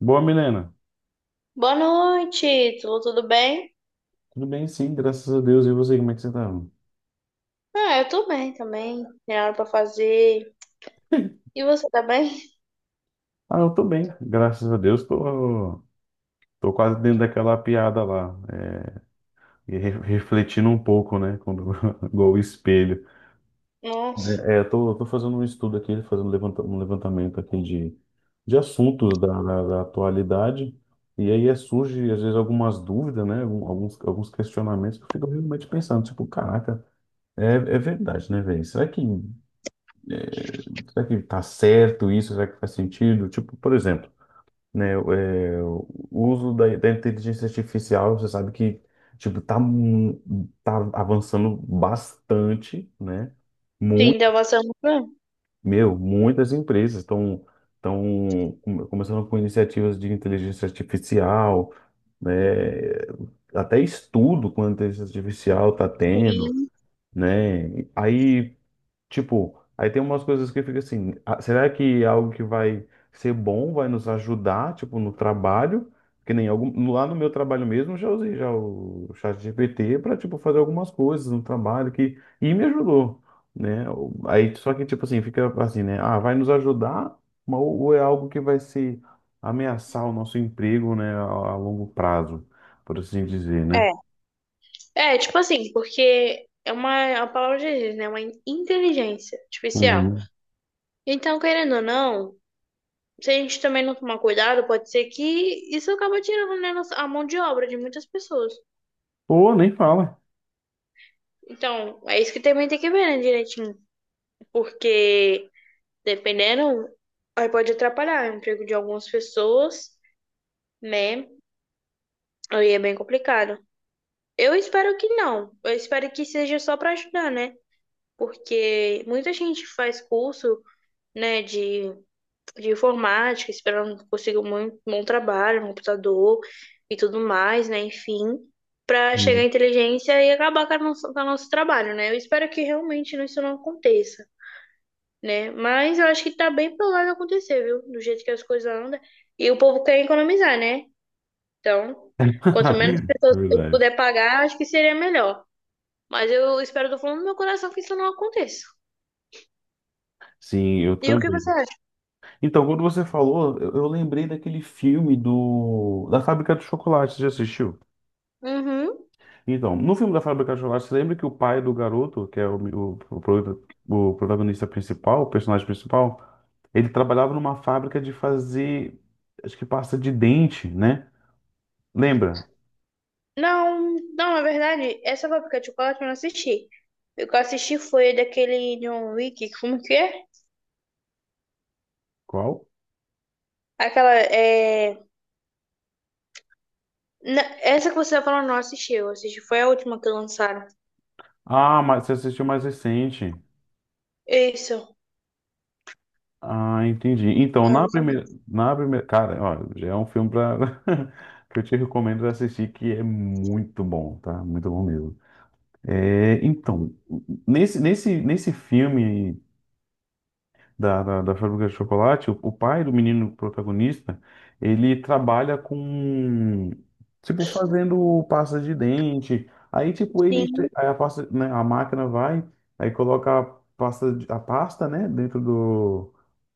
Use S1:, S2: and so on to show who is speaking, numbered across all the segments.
S1: Boa, Milena.
S2: Boa noite, tudo bem?
S1: Tudo bem, sim, graças a Deus. E você, como é que você tá?
S2: Ah, eu tô bem também. Tem nada pra fazer. E você tá bem?
S1: Ah, eu tô bem, graças a Deus. Tô quase dentro daquela piada lá. E refletindo um pouco, né? Quando, igual o espelho.
S2: Nossa.
S1: É, eu tô fazendo um estudo aqui, fazendo um levantamento aqui de, assuntos da atualidade. E aí surge, às vezes, algumas dúvidas, né? Alguns, questionamentos que eu fico realmente pensando, tipo, caraca, é verdade, né, velho? Será que tá certo isso? Será que faz sentido? Tipo, por exemplo, né, o uso da inteligência artificial, você sabe que, tipo, tá avançando bastante, né? Muito,
S2: Sim, deu uma semana.
S1: meu, muitas empresas estão começando com iniciativas de inteligência artificial, né? Até estudo com inteligência artificial tá tendo,
S2: Sim.
S1: né? Aí Tipo, aí tem umas coisas que fica assim, será que é algo que vai ser bom, vai nos ajudar, tipo, no trabalho? Que nem lá no meu trabalho mesmo, eu já usei já o chat GPT para tipo fazer algumas coisas no trabalho que e me ajudou, né? Aí só que tipo assim, fica assim, né? Ah, vai nos ajudar, mas ou é algo que vai se ameaçar o nosso emprego, né, a longo prazo, por assim dizer, né?
S2: É. É, tipo assim, porque é uma palavra de Deus, né? Uma inteligência artificial.
S1: Uhum.
S2: Então, querendo ou não, se a gente também não tomar cuidado, pode ser que isso acaba tirando, né, a mão de obra de muitas pessoas.
S1: Ou nem fala.
S2: Então, é isso que também tem que ver, né, direitinho. Porque dependendo, aí pode atrapalhar o emprego de algumas pessoas, né? Aí é bem complicado. Eu espero que não. Eu espero que seja só para ajudar, né? Porque muita gente faz curso, né, de informática, esperando que consiga um bom trabalho no computador e tudo mais, né? Enfim, para chegar à
S1: Uhum.
S2: inteligência e acabar com a com o nosso trabalho, né? Eu espero que realmente isso não aconteça, né? Mas eu acho que tá bem provável acontecer, viu? Do jeito que as coisas andam. E o povo quer economizar, né? Então, quanto menos
S1: É
S2: pessoas eu
S1: verdade.
S2: puder pagar, acho que seria melhor. Mas eu espero do fundo do meu coração que isso não aconteça.
S1: Sim, eu
S2: E o que
S1: também.
S2: você acha?
S1: Então, quando você falou, eu lembrei daquele filme do da Fábrica de Chocolate, você já assistiu?
S2: Uhum.
S1: Então, no filme da Fábrica de Chocolate, você lembra que o pai do garoto, que é o protagonista principal, o personagem principal, ele trabalhava numa fábrica de fazer, acho que pasta de dente, né? Lembra?
S2: Não, não, na verdade, essa fábrica de chocolate eu não assisti. O que eu assisti foi daquele John Wick, como que é?
S1: Qual?
S2: Aquela, essa que você tá falando, eu não assisti, eu assisti. Foi a última que lançaram.
S1: Ah, mas você assistiu mais recente.
S2: Isso.
S1: Ah, entendi. Então, na
S2: Mais ou
S1: primeira,
S2: menos.
S1: na primeira, cara, ó, já é um filme pra, que eu te recomendo assistir, que é muito bom, tá? Muito bom mesmo. É, então, nesse filme da Fábrica de Chocolate, o pai do menino protagonista, ele trabalha com, tipo, fazendo pasta de dente. Aí, tipo, ele,
S2: Sim,
S1: aí a pasta, né, a máquina vai, aí coloca a pasta, né, dentro do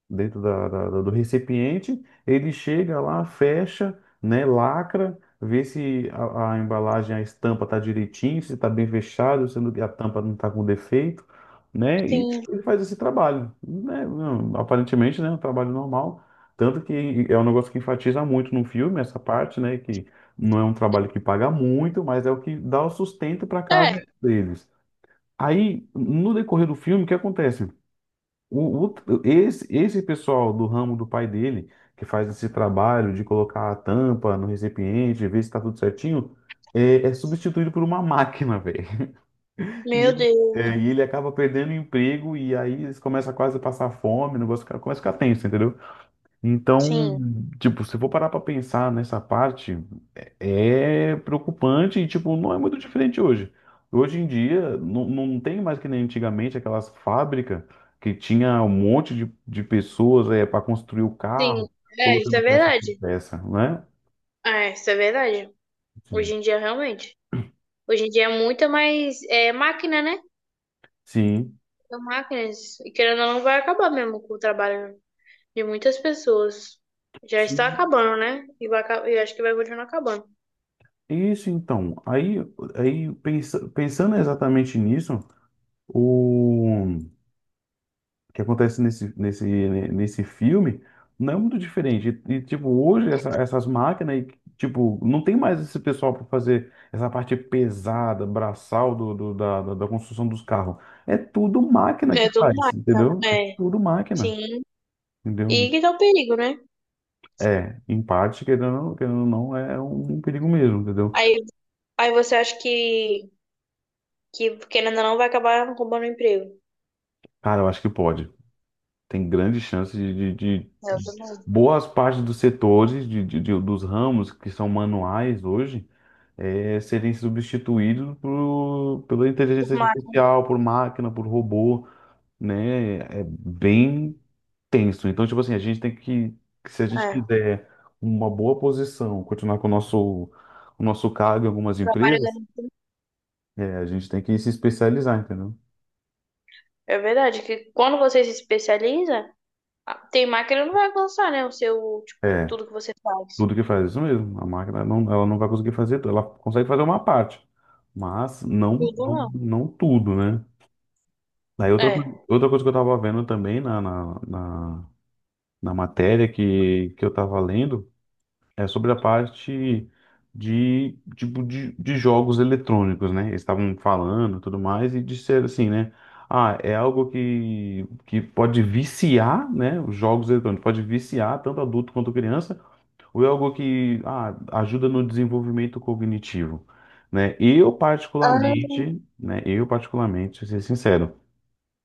S1: dentro da, da, da do recipiente, ele chega lá, fecha, né, lacra, vê se a embalagem, a estampa está direitinho, se está bem fechado, se não- a tampa não está com defeito, né, e
S2: sim.
S1: ele faz esse trabalho, né, não, aparentemente, né, um trabalho normal, tanto que é um negócio que enfatiza muito no filme, essa parte, né, que não é um trabalho que paga muito, mas é o que dá o sustento para
S2: É.
S1: casa deles. Aí, no decorrer do filme, o que acontece? O, o- esse pessoal do ramo do pai dele, que faz esse trabalho de colocar a tampa no recipiente, ver se está tudo certinho, é substituído por uma máquina, velho. E,
S2: Meu
S1: ele-
S2: Deus.
S1: ele acaba perdendo o emprego e aí eles começam quase a passar fome, o negócio começa a ficar tenso, entendeu? Então,
S2: Sim,
S1: tipo, se eu for parar para pensar nessa parte. É preocupante e, tipo, não é muito diferente hoje. Hoje em dia, não tem mais que nem antigamente aquelas fábricas que tinha um monte de pessoas para construir o
S2: sim.
S1: carro,
S2: É, isso é
S1: colocando peça por
S2: verdade.
S1: peça, né?
S2: É, isso é verdade.
S1: Sim.
S2: Hoje em dia, realmente. Hoje em dia é muita mais é, máquina, né?
S1: Sim.
S2: São máquinas. E querendo ou não, vai acabar mesmo com o trabalho de muitas pessoas. Já está
S1: Sim.
S2: acabando, né? E vai, e acho que vai continuar acabando.
S1: Isso, então. Pensando exatamente nisso, o que acontece nesse filme não é muito diferente. E, tipo, hoje essas máquinas, e, tipo, não tem mais esse pessoal para fazer essa parte pesada, braçal do, da construção dos carros. É tudo máquina que
S2: É, tudo
S1: faz,
S2: máquina.
S1: entendeu? É
S2: É,
S1: tudo máquina,
S2: sim.
S1: entendeu?
S2: E que dá o perigo, né?
S1: É, em parte, querendo ou não, é um perigo mesmo, entendeu?
S2: Aí, aí você acha que, querendo ou não, vai acabar roubando o emprego.
S1: Cara, eu acho que pode. Tem grandes chances de, de- de-
S2: É, eu
S1: de-
S2: também.
S1: boas partes dos setores, dos ramos que são manuais hoje, serem substituídos pela
S2: Por
S1: inteligência
S2: mais.
S1: artificial, por máquina, por robô, né? É bem tenso. Então, tipo assim, a gente tem que, se a gente
S2: É,
S1: quiser uma boa posição, continuar com o nosso cargo em algumas
S2: trabalho.
S1: empresas, a gente tem que se especializar, entendeu?
S2: É verdade que quando você se especializa, tem máquina que não vai alcançar, né? O seu, tipo,
S1: É.
S2: tudo que você faz.
S1: Tudo que faz, é isso mesmo. A máquina não, ela não vai conseguir fazer tudo. Ela consegue fazer uma parte, mas não,
S2: Tudo
S1: não,
S2: não.
S1: não tudo, né? Aí
S2: É.
S1: outra coisa que eu tava vendo também na matéria que eu tava lendo é sobre a parte de, tipo, de jogos eletrônicos, né? Eles estavam falando e tudo mais e disseram assim, né? Ah, é algo que pode viciar, né? Os jogos eletrônicos, pode viciar tanto adulto quanto criança ou é algo que ajuda no desenvolvimento cognitivo, né? Eu
S2: Ah,
S1: particularmente, né? Eu particularmente, ser sincero,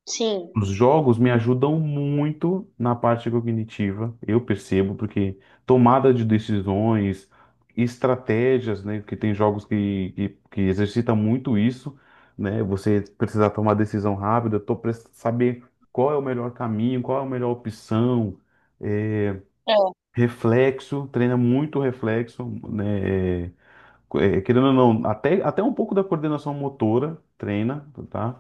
S2: sim.
S1: os jogos me ajudam muito na parte cognitiva. Eu percebo porque tomada de decisões, estratégias, né? Porque tem jogos que exercita muito isso, né? Você precisar tomar decisão rápida, saber qual é o melhor caminho, qual é a melhor opção. eh,
S2: É.
S1: Reflexo, treina muito reflexo, né? Querendo ou não, até um pouco da coordenação motora treina, tá?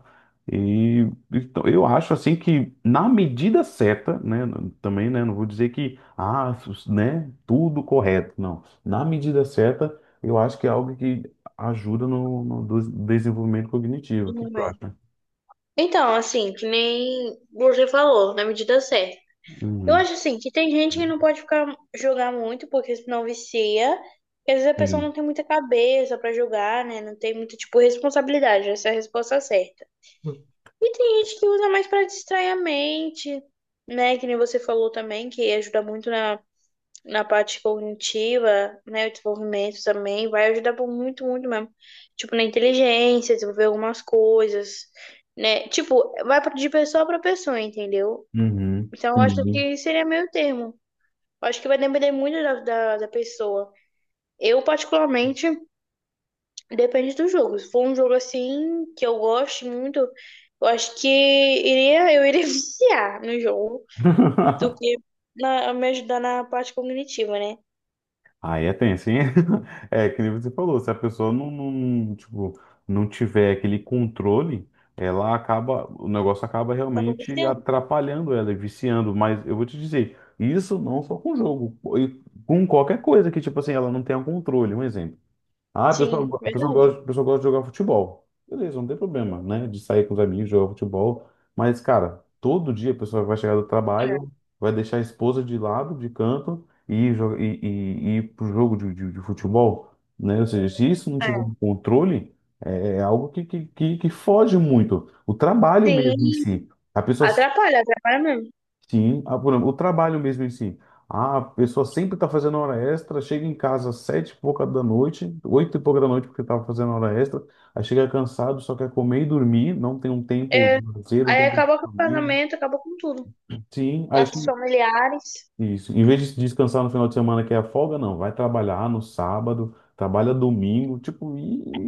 S1: E então, eu acho assim que na medida certa, né? Também, né? Não vou dizer que, né? Tudo correto, não. Na medida certa, eu acho que é algo que ajuda no desenvolvimento cognitivo. O que
S2: Tudo
S1: tu
S2: bem.
S1: acha?
S2: Então, assim, que nem você falou, na medida certa. Eu
S1: Uhum.
S2: acho assim que tem gente que não pode ficar jogar muito, porque senão vicia. E às vezes a pessoa não
S1: Sim.
S2: tem muita cabeça pra jogar, né? Não tem muita, tipo, responsabilidade. Essa é a resposta certa. E tem gente que usa mais pra distrair a mente, né? Que nem você falou também, que ajuda muito na parte cognitiva, né, o desenvolvimento também vai ajudar por muito, muito mesmo. Tipo, na inteligência, desenvolver algumas coisas, né? Tipo, de pessoa para pessoa, entendeu?
S1: Uhum.
S2: Então, eu acho
S1: Sim.
S2: que seria meio termo. Eu acho que vai depender muito da pessoa. Eu, particularmente, depende do jogo. Se for um jogo assim, que eu gosto muito, eu acho que iria viciar no jogo do que me ajudar na parte cognitiva, né?
S1: Aí é tenso, hein? É, que nem você falou, se a pessoa tipo, não tiver aquele controle, ela acaba, o negócio acaba
S2: Tava
S1: realmente
S2: viciando?
S1: atrapalhando ela e viciando. Mas eu vou te dizer, isso não só com jogo, e com qualquer coisa que, tipo assim, ela não tenha controle. Um exemplo. Ah, a
S2: Sim,
S1: pessoa, a pessoa
S2: verdade.
S1: gosta, a pessoa gosta de jogar futebol. Beleza, não tem problema, né? De sair com os amigos, jogar futebol. Mas, cara, todo dia a pessoa vai chegar do trabalho,
S2: É,
S1: vai deixar a esposa de lado, de canto, e ir, jo- e ir pro jogo de futebol, né? Ou seja, se isso não tiver um
S2: é.
S1: controle, é algo que foge muito. O trabalho mesmo em
S2: Sim,
S1: si. A pessoa
S2: atrapalha, atrapalha mesmo.
S1: Sim, por exemplo, o trabalho mesmo em si. Ah, a pessoa sempre está fazendo hora extra, chega em casa às sete e pouca da noite, oito e pouca da noite porque estava fazendo hora extra, aí chega cansado, só quer comer e dormir, não tem um tempo de lazer, não
S2: Aí
S1: tem um tempo
S2: acaba
S1: de
S2: com o
S1: dormir.
S2: casamento, acaba com tudo.
S1: Sim,
S2: Laços familiares.
S1: isso. Em vez de se descansar no final de semana, que é a folga, não, vai trabalhar no sábado, trabalha domingo, tipo,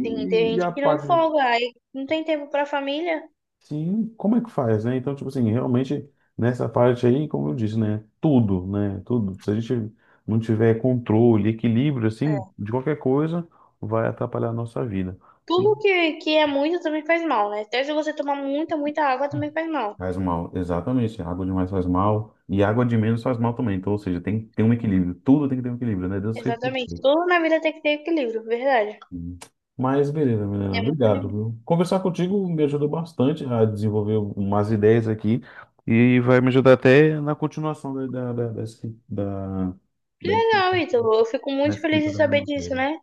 S2: Sim, tem
S1: e
S2: gente
S1: a
S2: que não
S1: parte.
S2: folga, aí não tem tempo pra família.
S1: Sim, como é que faz, né? Então, tipo assim, realmente nessa parte aí, como eu disse, né? Tudo, né? Tudo. Se a gente não tiver controle, equilíbrio, assim,
S2: É.
S1: de qualquer coisa, vai atrapalhar a nossa vida.
S2: Tudo que é muito também faz mal, né? Até se você tomar muita, muita água também faz mal.
S1: Faz mal, exatamente. Água demais faz mal e água de menos faz mal também. Então, ou seja, tem que ter um
S2: Sim.
S1: equilíbrio. Tudo tem que ter um equilíbrio, né? Deus fez
S2: Exatamente.
S1: tudo.
S2: Tudo na vida tem que ter equilíbrio, verdade.
S1: Hum. Mas beleza, Milena,
S2: É muito
S1: obrigado,
S2: legal.
S1: viu? Conversar contigo me ajudou bastante a desenvolver umas ideias aqui e vai me ajudar até na continuação da, da, da, da, escri- da,
S2: Que
S1: da
S2: legal,
S1: dissertação,
S2: Ítalo. Eu fico
S1: da
S2: muito feliz
S1: escrita
S2: de
S1: da minha
S2: saber disso,
S1: matéria.
S2: né?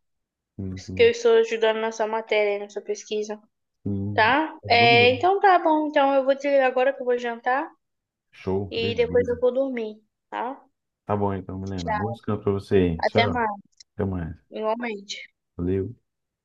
S1: Sim,
S2: Que eu
S1: sim,
S2: estou ajudando na sua matéria, na sua pesquisa,
S1: sim,
S2: tá?
S1: ajudou
S2: É,
S1: mesmo.
S2: então tá bom. Então eu vou desligar agora que eu vou jantar.
S1: Show,
S2: E depois
S1: beleza.
S2: eu vou dormir, tá?
S1: Tá bom então, Milena. Bom
S2: Tchau.
S1: descanso pra você aí.
S2: Até
S1: Tchau,
S2: mais,
S1: até mais.
S2: igualmente.
S1: Valeu.